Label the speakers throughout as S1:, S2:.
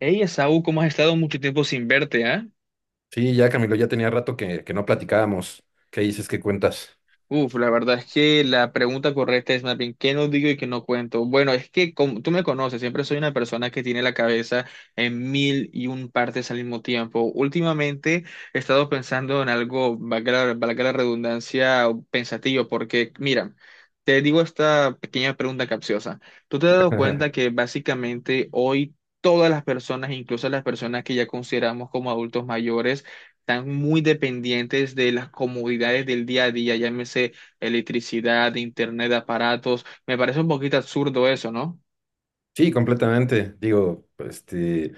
S1: Hey, Esaú, ¿cómo has estado mucho tiempo sin verte, ah?
S2: Sí, ya Camilo, ya tenía rato que no platicábamos. ¿Qué dices? ¿Qué cuentas?
S1: Uf, la verdad es que la pregunta correcta es más bien, ¿qué no digo y qué no cuento? Bueno, es que como tú me conoces, siempre soy una persona que tiene la cabeza en mil y un partes al mismo tiempo. Últimamente he estado pensando en algo, valga la redundancia, pensativo, porque mira, te digo esta pequeña pregunta capciosa. ¿Tú te has dado cuenta que básicamente hoy todas las personas, incluso las personas que ya consideramos como adultos mayores, están muy dependientes de las comodidades del día a día, llámese electricidad, internet, aparatos? Me parece un poquito absurdo eso, ¿no?
S2: Sí, completamente. Digo,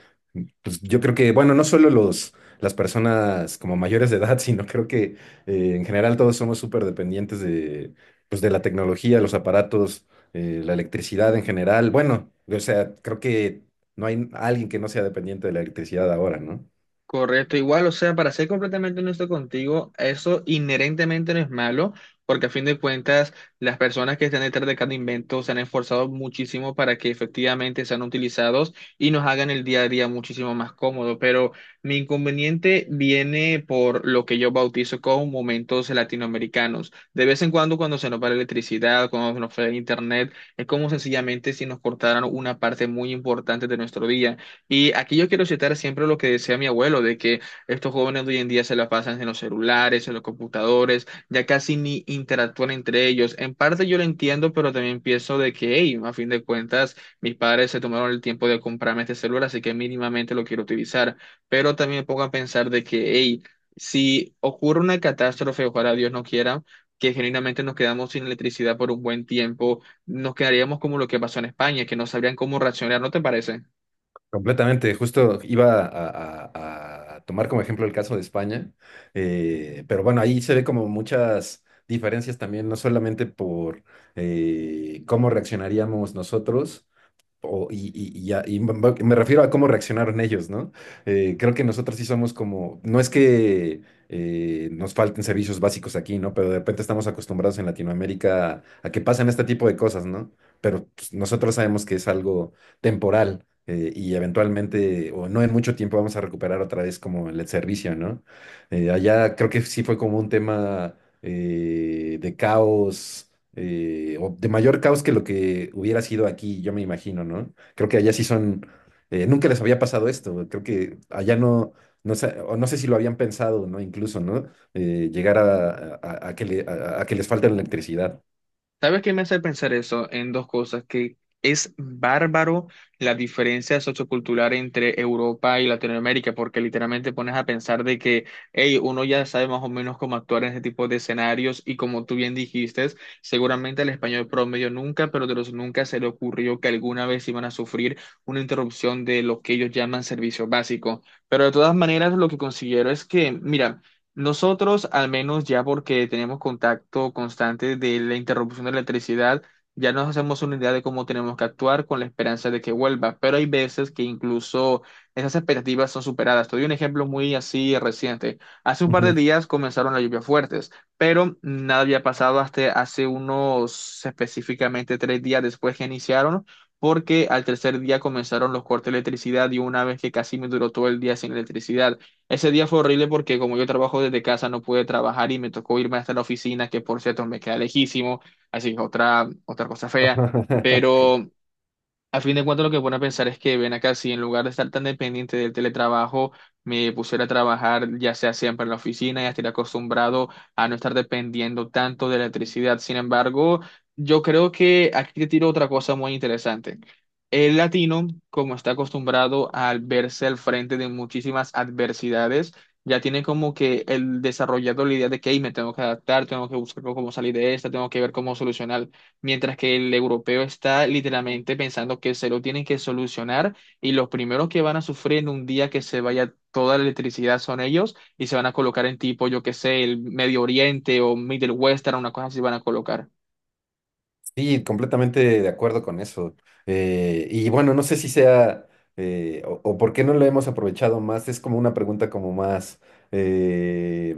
S2: pues yo creo que, bueno, no solo las personas como mayores de edad, sino creo que en general todos somos súper dependientes de, pues, de la tecnología, los aparatos, la electricidad en general. Bueno, o sea, creo que no hay alguien que no sea dependiente de la electricidad ahora, ¿no?
S1: Correcto, igual, o sea, para ser completamente honesto contigo, eso inherentemente no es malo, porque a fin de cuentas las personas que están detrás de cada invento se han esforzado muchísimo para que efectivamente sean utilizados y nos hagan el día a día muchísimo más cómodo, pero mi inconveniente viene por lo que yo bautizo como momentos latinoamericanos. De vez en cuando cuando se nos va la electricidad, cuando se nos va el internet, es como sencillamente si nos cortaran una parte muy importante de nuestro día. Y aquí yo quiero citar siempre lo que decía mi abuelo, de que estos jóvenes de hoy en día se la pasan en los celulares, en los computadores, ya casi ni interactúan entre ellos. En parte yo lo entiendo, pero también pienso de que, hey, a fin de cuentas, mis padres se tomaron el tiempo de comprarme este celular, así que mínimamente lo quiero utilizar. Pero también me pongo a pensar de que, hey, si ocurre una catástrofe, ojalá Dios no quiera, que genuinamente nos quedamos sin electricidad por un buen tiempo, nos quedaríamos como lo que pasó en España, que no sabrían cómo reaccionar, ¿no te parece?
S2: Completamente, justo iba a tomar como ejemplo el caso de España, pero bueno, ahí se ve como muchas diferencias también, no solamente por cómo reaccionaríamos nosotros, y ya, y refiero a cómo reaccionaron ellos, ¿no? Creo que nosotros sí somos como, no es que nos falten servicios básicos aquí, ¿no? Pero de repente estamos acostumbrados en Latinoamérica a, que pasen este tipo de cosas, ¿no? Pero pues, nosotros sabemos que es algo temporal y eventualmente, o no en mucho tiempo, vamos a recuperar otra vez como el servicio, ¿no? Allá creo que sí fue como un tema de caos, o de mayor caos que lo que hubiera sido aquí, yo me imagino, ¿no? Creo que allá sí son, nunca les había pasado esto, creo que allá no, no sé, o no sé si lo habían pensado, ¿no? Incluso, ¿no? Llegar a, a que les falte la electricidad.
S1: ¿Sabes qué me hace pensar eso? En dos cosas, que es bárbaro la diferencia sociocultural entre Europa y Latinoamérica, porque literalmente pones a pensar de que, hey, uno ya sabe más o menos cómo actuar en ese tipo de escenarios y como tú bien dijiste, seguramente al español promedio nunca, pero de los nunca se le ocurrió que alguna vez iban a sufrir una interrupción de lo que ellos llaman servicio básico. Pero de todas maneras, lo que considero es que, mira, nosotros, al menos ya porque tenemos contacto constante de la interrupción de la electricidad, ya nos hacemos una idea de cómo tenemos que actuar con la esperanza de que vuelva, pero hay veces que incluso esas expectativas son superadas. Te doy un ejemplo muy así reciente. Hace un par de
S2: Ujú.
S1: días comenzaron las lluvias fuertes, pero nada había pasado hasta hace unos específicamente 3 días después que iniciaron, porque al tercer día comenzaron los cortes de electricidad y una vez que casi me duró todo el día sin electricidad. Ese día fue horrible porque como yo trabajo desde casa no pude trabajar y me tocó irme hasta la oficina, que por cierto me queda lejísimo, así que otra cosa fea. Pero a fin de cuentas, lo que pone a pensar es que ven acá, si en lugar de estar tan dependiente del teletrabajo, me pusiera a trabajar ya sea siempre en la oficina, ya estaría acostumbrado a no estar dependiendo tanto de electricidad. Sin embargo, yo creo que aquí te tiro otra cosa muy interesante. El latino, como está acostumbrado al verse al frente de muchísimas adversidades, ya tiene como que el desarrollado la idea de que "Ey, me tengo que adaptar, tengo que buscar cómo salir de esta, tengo que ver cómo solucionar", mientras que el europeo está literalmente pensando que se lo tienen que solucionar y los primeros que van a sufrir en un día que se vaya toda la electricidad son ellos y se van a colocar en tipo, yo qué sé, el Medio Oriente o Middle Western, una cosa así van a colocar.
S2: Sí, completamente de acuerdo con eso. Y bueno, no sé si sea o por qué no lo hemos aprovechado más. Es como una pregunta como más eh,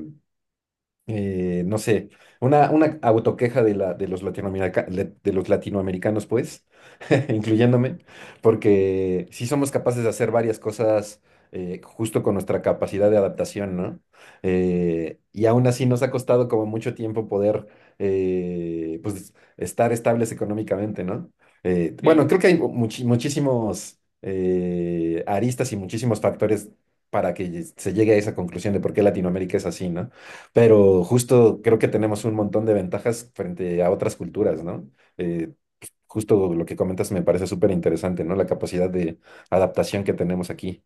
S2: no sé, una autoqueja de, los latinoamerica- de los latinoamericanos, pues, incluyéndome, porque sí somos capaces de hacer varias cosas justo con nuestra capacidad de adaptación, ¿no? Y aún así nos ha costado como mucho tiempo poder, pues, estar estables económicamente, ¿no?
S1: Sí.
S2: Bueno, creo que hay muchísimos aristas y muchísimos factores para que se llegue a esa conclusión de por qué Latinoamérica es así, ¿no? Pero justo creo que tenemos un montón de ventajas frente a otras culturas, ¿no? Eh, Justo lo que comentas me parece súper interesante, ¿no? La capacidad de adaptación que tenemos aquí.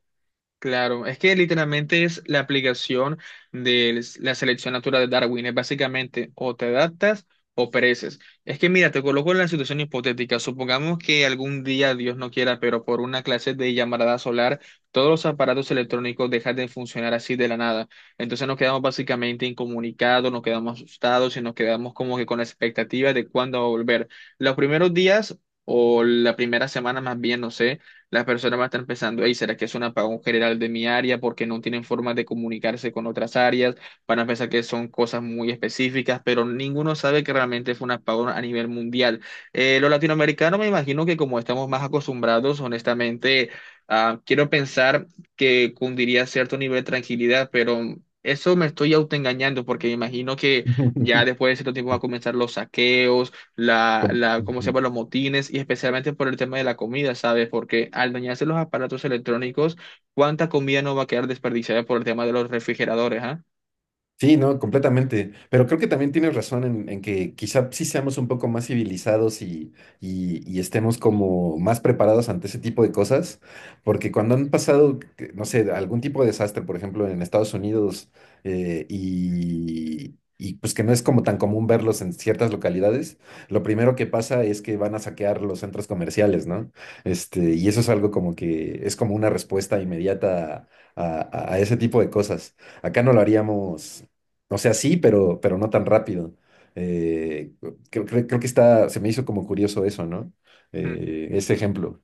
S1: Claro, es que literalmente es la aplicación de la selección natural de Darwin. Es básicamente o te adaptas o pereces. Es que mira, te coloco en la situación hipotética. Supongamos que algún día, Dios no quiera, pero por una clase de llamarada solar, todos los aparatos electrónicos dejan de funcionar así de la nada. Entonces nos quedamos básicamente incomunicados, nos quedamos asustados y nos quedamos como que con la expectativa de cuándo va a volver. Los primeros días o la primera semana más bien, no sé, las personas van a estar pensando, hey, ¿será que es un apagón general de mi área porque no tienen forma de comunicarse con otras áreas? Van a pensar que son cosas muy específicas, pero ninguno sabe que realmente fue un apagón a nivel mundial. Los latinoamericanos, me imagino que como estamos más acostumbrados, honestamente, ah, quiero pensar que cundiría cierto nivel de tranquilidad, pero... Eso me estoy autoengañando porque me imagino que ya después de cierto tiempo van a comenzar los saqueos,
S2: Com-
S1: ¿cómo se llama? Los motines y especialmente por el tema de la comida, ¿sabes? Porque al dañarse los aparatos electrónicos, ¿cuánta comida no va a quedar desperdiciada por el tema de los refrigeradores, ah?
S2: Sí, no, completamente. Pero creo que también tienes razón en que quizá sí seamos un poco más civilizados y, y estemos como más preparados ante ese tipo de cosas, porque cuando han pasado, no sé, algún tipo de desastre, por ejemplo, en Estados Unidos, y pues que no es como tan común verlos en ciertas localidades, lo primero que pasa es que van a saquear los centros comerciales, ¿no? Este, y eso es algo como que es como una respuesta inmediata a a ese tipo de cosas. Acá no lo haríamos, o sea, sí, pero no tan rápido. Eh, Creo que está, se me hizo como curioso eso, ¿no? Ese ejemplo.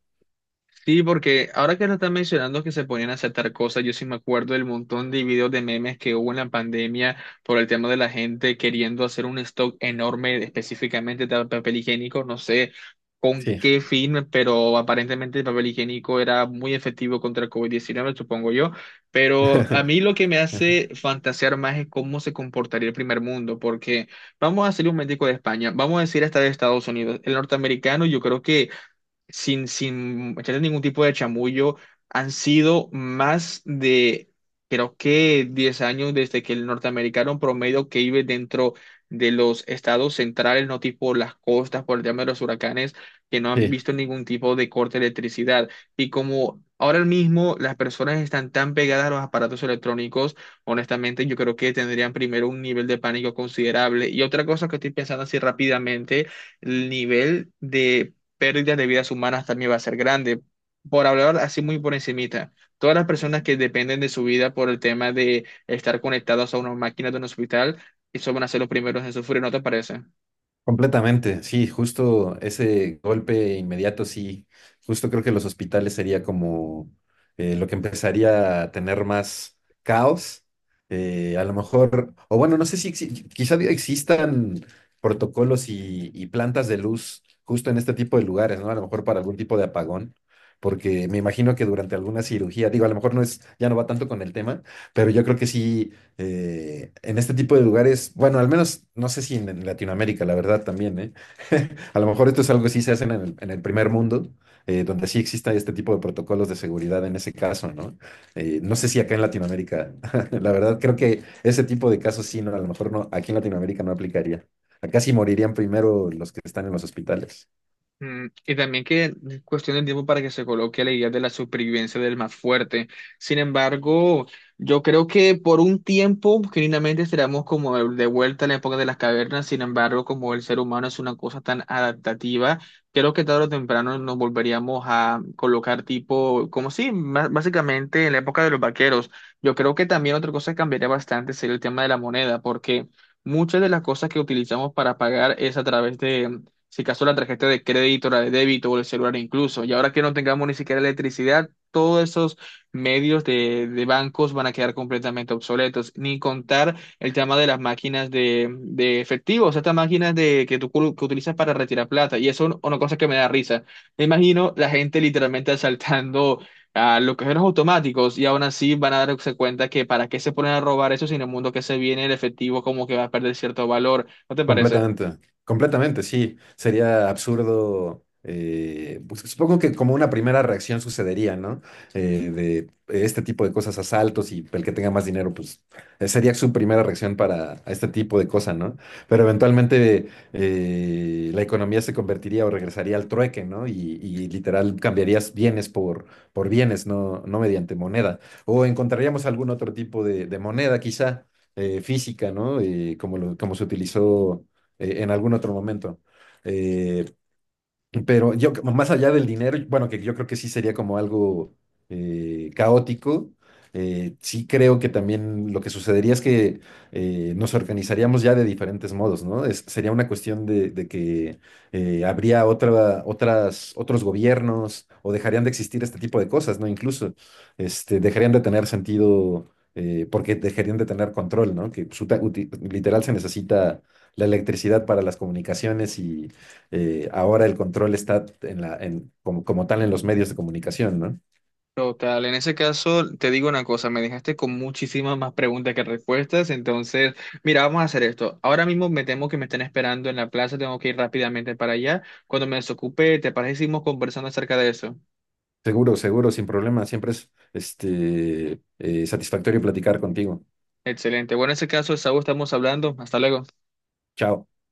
S1: Sí, porque ahora que lo están mencionando que se ponían a aceptar cosas, yo sí me acuerdo del montón de videos de memes que hubo en la pandemia por el tema de la gente queriendo hacer un stock enorme específicamente de papel higiénico, no sé con
S2: Sí.
S1: qué fin, pero aparentemente el papel higiénico era muy efectivo contra el COVID-19, supongo yo. Pero a mí lo que me hace fantasear más es cómo se comportaría el primer mundo, porque vamos a hacer un médico de España, vamos a decir hasta de Estados Unidos, el norteamericano, yo creo que sin echarle ningún tipo de chamullo, han sido más de, creo que 10 años desde que el norteamericano promedio que vive dentro de los estados centrales, no tipo las costas por el tema de los huracanes, que no han
S2: Sí.
S1: visto ningún tipo de corte de electricidad. Y como ahora mismo las personas están tan pegadas a los aparatos electrónicos, honestamente yo creo que tendrían primero un nivel de pánico considerable. Y otra cosa que estoy pensando así rápidamente, el nivel de pérdidas de vidas humanas también va a ser grande. Por hablar así muy por encimita, todas las personas que dependen de su vida por el tema de estar conectados a unas máquinas de un hospital, y eso van a ser los primeros en sufrir, ¿no te parece?
S2: Completamente, sí, justo ese golpe inmediato, sí, justo creo que los hospitales sería como lo que empezaría a tener más caos, a lo mejor, o bueno, no sé si exi- quizá existan protocolos y plantas de luz justo en este tipo de lugares, ¿no? A lo mejor para algún tipo de apagón, porque me imagino que durante alguna cirugía, digo, a lo mejor no es, ya no va tanto con el tema, pero yo creo que sí en este tipo de lugares, bueno, al menos no sé si en, en Latinoamérica, la verdad también, ¿eh? A lo mejor esto es algo que sí se hacen en el primer mundo, donde sí exista este tipo de protocolos de seguridad en ese caso, ¿no? No sé si acá en Latinoamérica, la verdad creo que ese tipo de casos sí, no, a lo mejor no, aquí en Latinoamérica no aplicaría. Acá sí morirían primero los que están en los hospitales.
S1: Mm, y también que es cuestión de tiempo para que se coloque la idea de la supervivencia del más fuerte. Sin embargo, yo creo que por un tiempo, genuinamente, estaremos como de vuelta en la época de las cavernas. Sin embargo, como el ser humano es una cosa tan adaptativa, creo que tarde o temprano nos volveríamos a colocar tipo, como sí, básicamente en la época de los vaqueros. Yo creo que también otra cosa que cambiaría bastante sería el tema de la moneda, porque... Muchas de las cosas que utilizamos para pagar es a través de si acaso la tarjeta de crédito, la de débito o el celular incluso. Y ahora que no tengamos ni siquiera electricidad, todos esos medios de bancos van a quedar completamente obsoletos. Ni contar el tema de las máquinas de efectivo, o sea, estas que que utilizas para retirar plata. Y eso es una cosa que me da risa. Me imagino la gente literalmente asaltando a los cajeros automáticos y aún así van a darse cuenta que para qué se ponen a robar eso si en el mundo que se viene el efectivo como que va a perder cierto valor. ¿No te parece?
S2: Completamente, completamente, sí. Sería absurdo. Pues, supongo que como una primera reacción sucedería, ¿no? De este tipo de cosas, asaltos y el que tenga más dinero, pues sería su primera reacción para este tipo de cosas, ¿no? Pero eventualmente la economía se convertiría o regresaría al trueque, ¿no? Y literal cambiarías bienes por bienes, no, no mediante moneda. O encontraríamos algún otro tipo de moneda, quizá física, ¿no? Como, como se utilizó en algún otro momento. Eh, pero yo, más allá del dinero, bueno, que yo creo que sí sería como algo caótico, sí creo que también lo que sucedería es que nos organizaríamos ya de diferentes modos, ¿no? Sería una cuestión de que habría otros gobiernos o dejarían de existir este tipo de cosas, ¿no? Incluso este, dejarían de tener sentido porque dejarían de tener control, ¿no? Que literal se necesita la electricidad para las comunicaciones ahora el control está en la, en, como, como tal en los medios de comunicación, ¿no?
S1: Total, en ese caso te digo una cosa, me dejaste con muchísimas más preguntas que respuestas, entonces, mira, vamos a hacer esto. Ahora mismo me temo que me están esperando en la plaza, tengo que ir rápidamente para allá. Cuando me desocupe, ¿te parece que seguimos conversando acerca de eso?
S2: Seguro, seguro, sin problema. Siempre es este, satisfactorio platicar contigo.
S1: Excelente. Bueno, en ese caso, Saúl, estamos hablando. Hasta luego.
S2: Chao.